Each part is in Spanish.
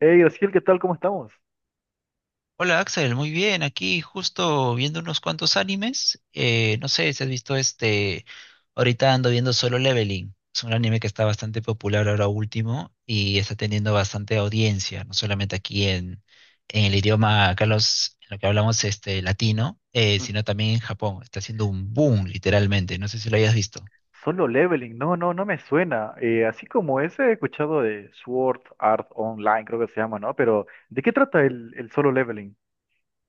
Hey, Graciel, ¿qué tal? ¿Cómo estamos? Hola Axel, muy bien, aquí justo viendo unos cuantos animes. No sé si has visto ahorita ando viendo Solo Leveling. Es un anime que está bastante popular ahora último y está teniendo bastante audiencia, no solamente aquí en el idioma, Carlos, en lo que hablamos este, latino, Mm, sino también en Japón. Está haciendo un boom, literalmente. No sé si lo hayas visto. Solo leveling, no, no, no me suena. Así como ese he escuchado de Sword Art Online, creo que se llama, ¿no? Pero, ¿de qué trata el solo leveling?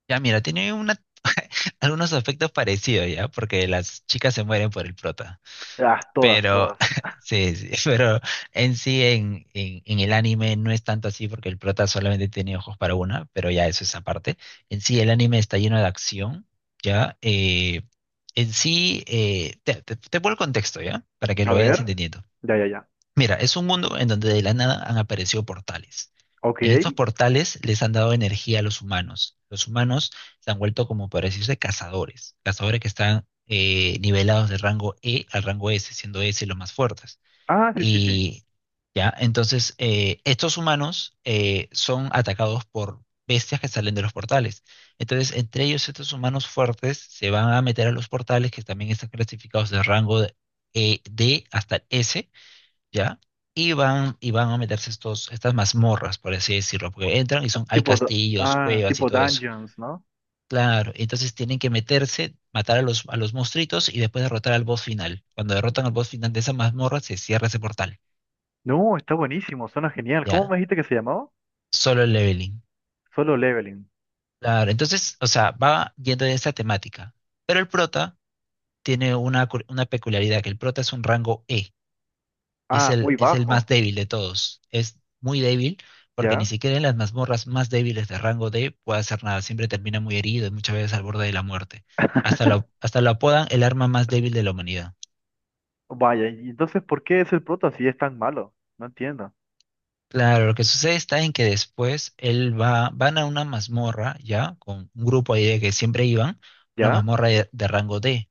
Ya, mira, algunos aspectos parecidos ya, porque las chicas se mueren por el prota. Ah, todas, Pero, todas. sí, sí, pero en sí, en el anime no es tanto así porque el prota solamente tiene ojos para una, pero ya eso es aparte. En sí, el anime está lleno de acción, ¿ya? Te pongo el contexto, ¿ya? Para que A lo vayas ver. entendiendo. Ya, ya, ya. Mira, es un mundo en donde de la nada han aparecido portales. Ok. En estos portales les han dado energía a los humanos. Los humanos se han vuelto como para decirse cazadores, cazadores que están nivelados de rango E al rango S, siendo S los más fuertes. Ah, sí, sí, sí. Y ya, entonces estos humanos son atacados por bestias que salen de los portales. Entonces, entre ellos estos humanos fuertes se van a meter a los portales que también están clasificados D hasta S, ¿ya? Y van a meterse estas mazmorras, por así decirlo, porque entran y Ah, son, hay castillos, ah, cuevas y tipo todo eso. dungeons, ¿no? Claro, entonces tienen que meterse, matar a los monstruitos y después derrotar al boss final. Cuando derrotan al boss final de esa mazmorra, se cierra ese portal, No, está buenísimo, suena genial. ¿Cómo ¿ya? me dijiste que se llamaba? Solo el leveling. Solo leveling. Claro, entonces, o sea, va yendo en esa temática. Pero el prota tiene una peculiaridad, que el prota es un rango E, y es Ah, muy es el más bajo, débil de todos. Es muy débil porque ni ¿ya? siquiera en las mazmorras más débiles de rango D puede hacer nada. Siempre termina muy herido y muchas veces al borde de la muerte. Hasta lo apodan el arma más débil de la humanidad. Vaya, y entonces, ¿por qué es el prota si es tan malo? No entiendo. Claro, lo que sucede está en que después él va, van a una mazmorra, ya, con un grupo ahí de que siempre iban, una ¿Ya? mazmorra de rango D,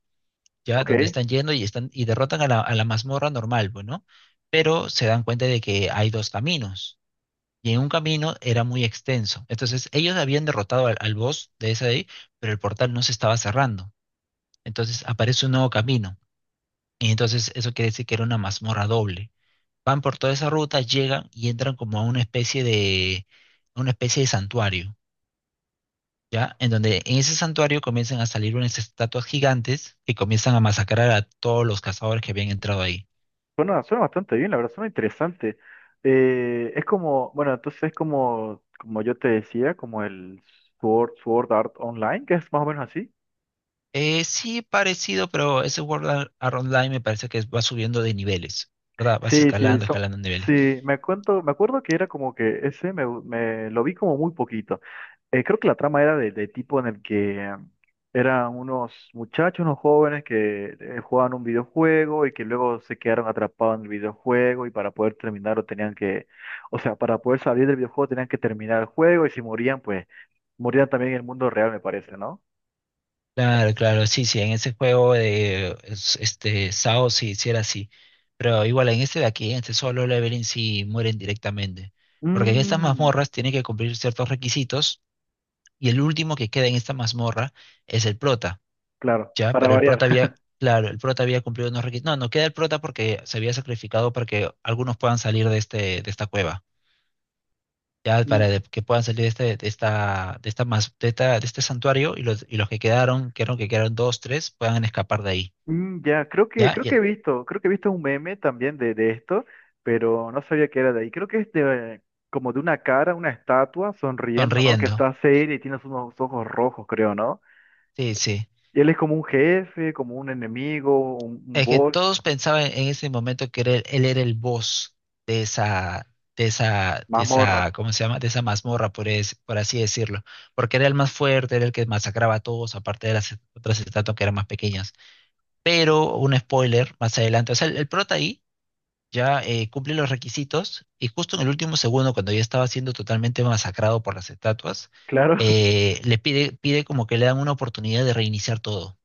ya, Ok. donde están yendo y están, y derrotan a la mazmorra normal, bueno, pero se dan cuenta de que hay dos caminos y en un camino era muy extenso. Entonces, ellos habían derrotado al boss de esa de ahí, pero el portal no se estaba cerrando. Entonces, aparece un nuevo camino. Y entonces, eso quiere decir que era una mazmorra doble. Van por toda esa ruta, llegan y entran como a una especie a una especie de santuario, ¿ya? En donde en ese santuario comienzan a salir unas estatuas gigantes que comienzan a masacrar a todos los cazadores que habían entrado ahí. Suena, suena bastante bien, la verdad, suena interesante. Es como, bueno, entonces es como, como yo te decía, como el Sword, Sword Art Online, que es más o menos así. Sí, parecido, pero ese Art Online me parece que va subiendo de niveles, ¿verdad? Vas Sí, sí, escalando, escalando niveles. sí, me cuento, me acuerdo que era como que ese me, me lo vi como muy poquito. Creo que la trama era de tipo en el que eran unos muchachos, unos jóvenes que jugaban un videojuego y que luego se quedaron atrapados en el videojuego y para poder terminarlo tenían que, o sea, para poder salir del videojuego tenían que terminar el juego y si morían, pues morían también en el mundo real, me parece, ¿no? Claro, claro, sí, sí, en ese juego de este Sao sí, sí era así. Pero igual en este de aquí, en este solo leveling sí mueren directamente. Porque en estas Mm, mazmorras tiene que cumplir ciertos requisitos y el último que queda en esta mazmorra es el prota, claro, ¿ya? para variar. Claro, el prota había cumplido unos requisitos. No, no queda el prota porque se había sacrificado para que algunos puedan salir de de esta cueva ya que puedan salir de, este, de esta, mas- de esta- de este santuario, y y los que quedaron, que eran que quedaron dos, tres, puedan escapar de ahí, Mm, ya, ¿ya? creo Y que he él visto, creo que he visto un meme también de esto, pero no sabía que era de ahí. Creo que es de, como de una cara, una estatua sonriendo, ¿no? Que sonriendo, está seria y tiene unos ojos rojos, creo, ¿no? sí, sí. Y él es como un jefe, como un enemigo, un Es que boss, todos pensaban en ese momento él era el boss de esa, de mazmorra, esa, ¿cómo se llama? De esa mazmorra, por así decirlo, porque era el más fuerte, era el que masacraba a todos, aparte de las otras estatuas que eran más pequeñas. Pero, un spoiler, más adelante, o sea, el prota ahí ya cumple los requisitos y justo en el último segundo, cuando ya estaba siendo totalmente masacrado por las estatuas, claro. Pide como que le dan una oportunidad de reiniciar todo.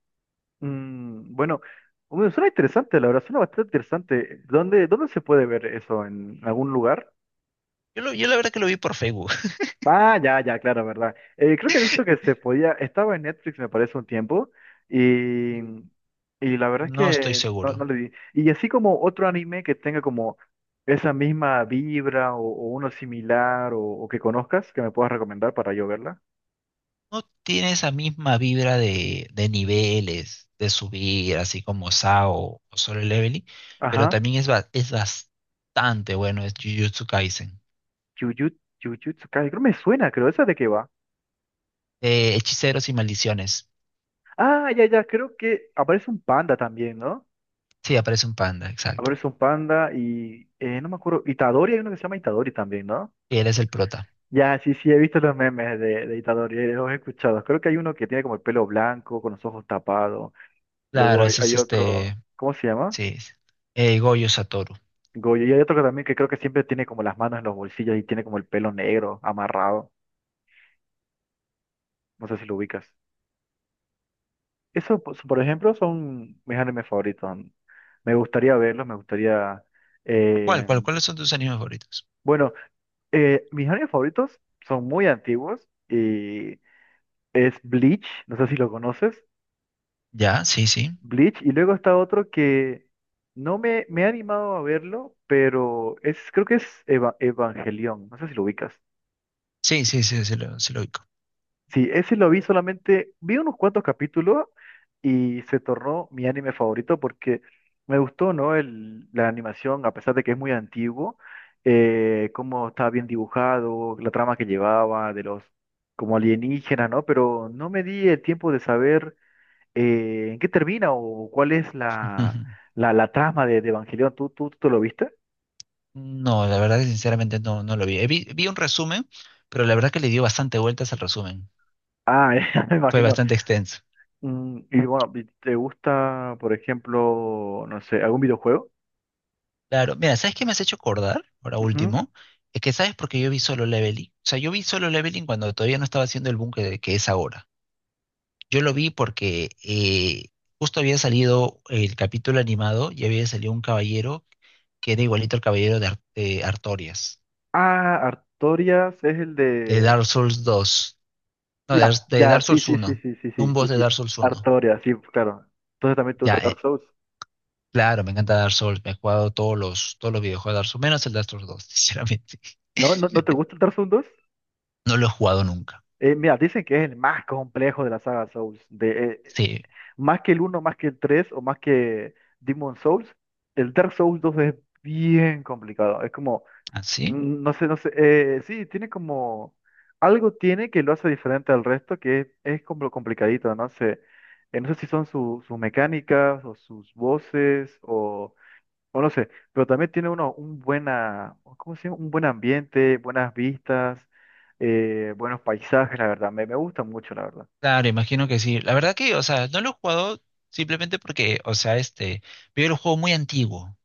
Mm, bueno, bueno, suena interesante, la verdad, suena bastante interesante. ¿Dónde, dónde se puede ver eso? ¿En algún lugar? Yo la verdad que lo vi por Facebook, Ah, ya, ya, claro, verdad. Creo que he visto que se podía, estaba en Netflix, me parece, un tiempo, y la verdad es no estoy que no, seguro. no le di. Y así como otro anime que tenga como esa misma vibra o uno similar o que conozcas, que me puedas recomendar para yo verla. No tiene esa misma vibra de niveles, de subir, así como SAO o Solo Leveling, pero Ajá, también es bastante bueno, es Jujutsu Kaisen. Jujutsu, Jujutsu Kaisen, creo me suena, creo, ¿esa de qué va? Hechiceros y maldiciones. Ah, ya, ya, creo que aparece un panda también, ¿no? Sí, aparece un panda, exacto. Aparece un panda y, no me acuerdo, Itadori, hay uno que se llama Itadori también, ¿no? Y él es el prota. Ya, sí, sí, he visto los memes de Itadori, los he escuchado. Creo que hay uno que tiene como el pelo blanco, con los ojos tapados. Luego Claro, hay, ese es hay este, otro, ¿cómo se llama? sí, Goyo Satoru. Goyo. Y hay otro que también que creo que siempre tiene como las manos en los bolsillos y tiene como el pelo negro, amarrado. No sé si lo ubicas. Eso, pues, por ejemplo, son mis animes favoritos. Me gustaría verlos, me gustaría... ¿Cuál, eh, cuál, Cuáles son tus animes favoritos? Bueno, mis animes favoritos son muy antiguos y es Bleach, no sé si lo conoces. Ya, sí, sí. Bleach y luego está otro que no me, me he animado a verlo, pero es, creo que es Evangelion, no sé si lo ubicas. Sí, sí, sí, sí lo ubico. Sí, ese lo vi solamente, vi unos cuantos capítulos y se tornó mi anime favorito porque me gustó, ¿no? El, la animación, a pesar de que es muy antiguo, cómo estaba bien dibujado, la trama que llevaba, de los como alienígenas, ¿no? Pero no me di el tiempo de saber. ¿En qué termina o cuál es Ujú. la, la, la trama de Evangelion? ¿Tú, tú, tú lo viste? No, la verdad, sinceramente, no, no lo vi. Vi un resumen, pero la verdad que le dio bastante vueltas al resumen. Ah, ya me Fue imagino. bastante extenso. Mm, y bueno, y ¿te gusta, por ejemplo, no sé, algún videojuego? Claro, mira, ¿sabes qué me has hecho acordar? Ahora Ujú. último, es que sabes por qué yo vi Solo Leveling. O sea, yo vi Solo Leveling cuando todavía no estaba haciendo el boom que es ahora. Yo lo vi porque justo había salido el capítulo animado y había salido un caballero que era igualito al de Artorias, Ah, Artorias es el de de... Dark Souls 2, no, Ya, de ya, Dark sí, Souls sí, uno, sí, sí, sí, un sí, sí, boss de Dark sí. Souls uno. Artorias, sí, claro. Entonces también te gusta Ya, Dark Souls. claro, me encanta Dark Souls, me he jugado todos los videojuegos de Dark Souls, menos el Dark Souls dos, sinceramente. ¿No, ¿no, no te gusta el Dark Souls 2? No lo he jugado nunca. Mira, dicen que es el más complejo de la saga Souls. De, Sí, más que el uno, más que el tres, o más que Demon Souls, el Dark Souls 2 es bien complicado. Es como, así. mm, no sé, no sé, sí, tiene como, algo tiene que lo hace diferente al resto, que es como complicadito, no sé. No sé si son sus mecánicas o sus voces o no sé, pero también tiene uno un buena, ¿cómo se llama? Un buen ambiente, buenas vistas, buenos paisajes, la verdad. Me gusta mucho, la verdad. Claro, imagino que sí. La verdad que, o sea, no lo he jugado simplemente porque, o sea, este, veo el juego muy antiguo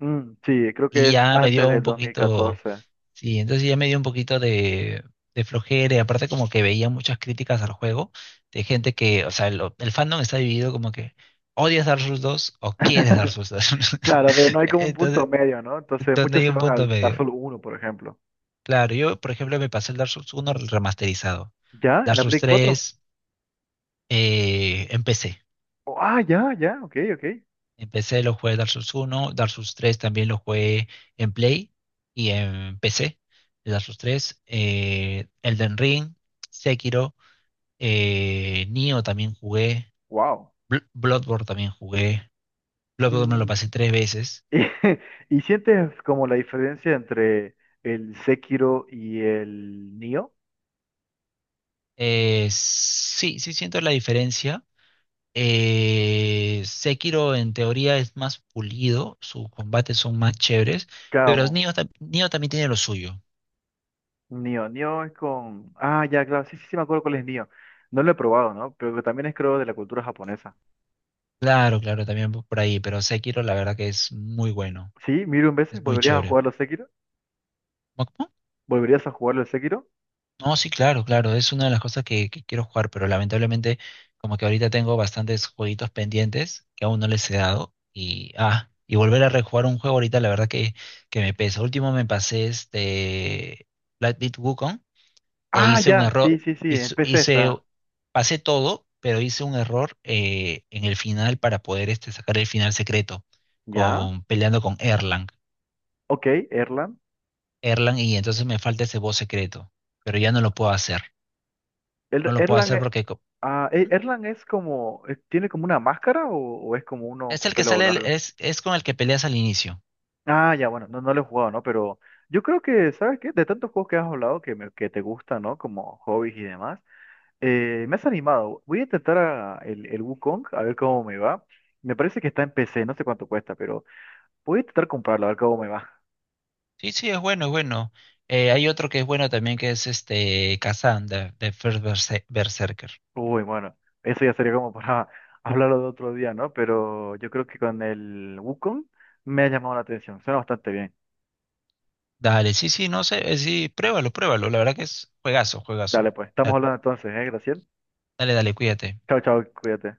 Mm, sí, creo que y es ya me antes dio del un poquito. 2014. Sí, entonces ya me dio un poquito de flojera y aparte como que veía muchas críticas al juego de gente que, o sea, el fandom está dividido como que odias Dark Souls dos o quieres Dark Souls dos, Claro, pero no hay como un punto entonces, medio, ¿no? Entonces donde muchos hay se un van punto al Dark medio. Souls uno, por ejemplo. Claro, yo por ejemplo me pasé el Dark Souls 1 remasterizado. ¿Ya? ¿En Dark la Souls Play 4? tres empecé. Oh, ah, ya, ya, ok, ok. Empecé, lo jugué Dark Souls uno, Dark Souls tres también lo jugué en Play y en PC. Dark Souls tres, Elden Ring, Sekiro. Nioh también jugué. Wow. Bloodborne también jugué. Bloodborne me lo Mm, pasé tres veces. y, ¿sientes como la diferencia entre el Sekiro y el Nioh? Sí, sí siento la diferencia. Sekiro en teoría es más pulido, sus combates son más chéveres, pero Claro, Nioh también tiene lo suyo. Nioh, Nioh es con... Ah, ya, claro, sí, sí, sí, me acuerdo cuál es Nioh. No lo he probado, ¿no? Pero que también es creo de la cultura japonesa. Claro, claro, también por ahí, pero Sekiro la verdad que es muy bueno, Sí, miro un es veces, muy ¿volverías a chévere. jugarlo Sekiro? ¿Volverías a jugarlo el Sekiro? No, sí, claro, claro, es una de las cosas que quiero jugar, pero lamentablemente como que ahorita tengo bastantes jueguitos pendientes que aún no les he dado y volver a rejugar un juego ahorita la verdad que me pesa. Último me pasé este Black Myth Wukong e Ah, hice un ya, sí, error, sí, sí, en hice, PC hice- está. pasé todo, pero hice un error en el final para poder este, sacar el final secreto ¿Ya? con peleando con Erlang. Ok, Erlan. Erlang, y entonces me falta ese boss secreto, pero ya no lo puedo hacer. No lo puedo Erlan, hacer ah, Erlan es como, ¿tiene como una máscara o es como uno es con el que pelo sale, largo? Es con el que peleas al inicio. Ah, ya, bueno, no, no lo he jugado, ¿no? Pero yo creo que, ¿sabes qué? De tantos juegos que has hablado que, que te gustan, ¿no? Como hobbies y demás, me has animado. Voy a intentar el Wukong, a ver cómo me va. Me parece que está en PC, no sé cuánto cuesta, pero voy a intentar comprarlo, a ver cómo me va. Sí, sí, es bueno, es bueno. Hay otro que es bueno también que es este Kazan de Berserker. Uy, bueno, eso ya sería como para hablarlo de otro día, ¿no? Pero yo creo que con el Wukong me ha llamado la atención. Suena bastante bien. Dale, sí, sí, no sé, sí, pruébalo, pruébalo. La verdad que es juegazo, juegazo. Dale, pues, estamos Da- hablando entonces, ¿eh, Graciela? Dale, dale, cuídate. Chao, chao, cuídate.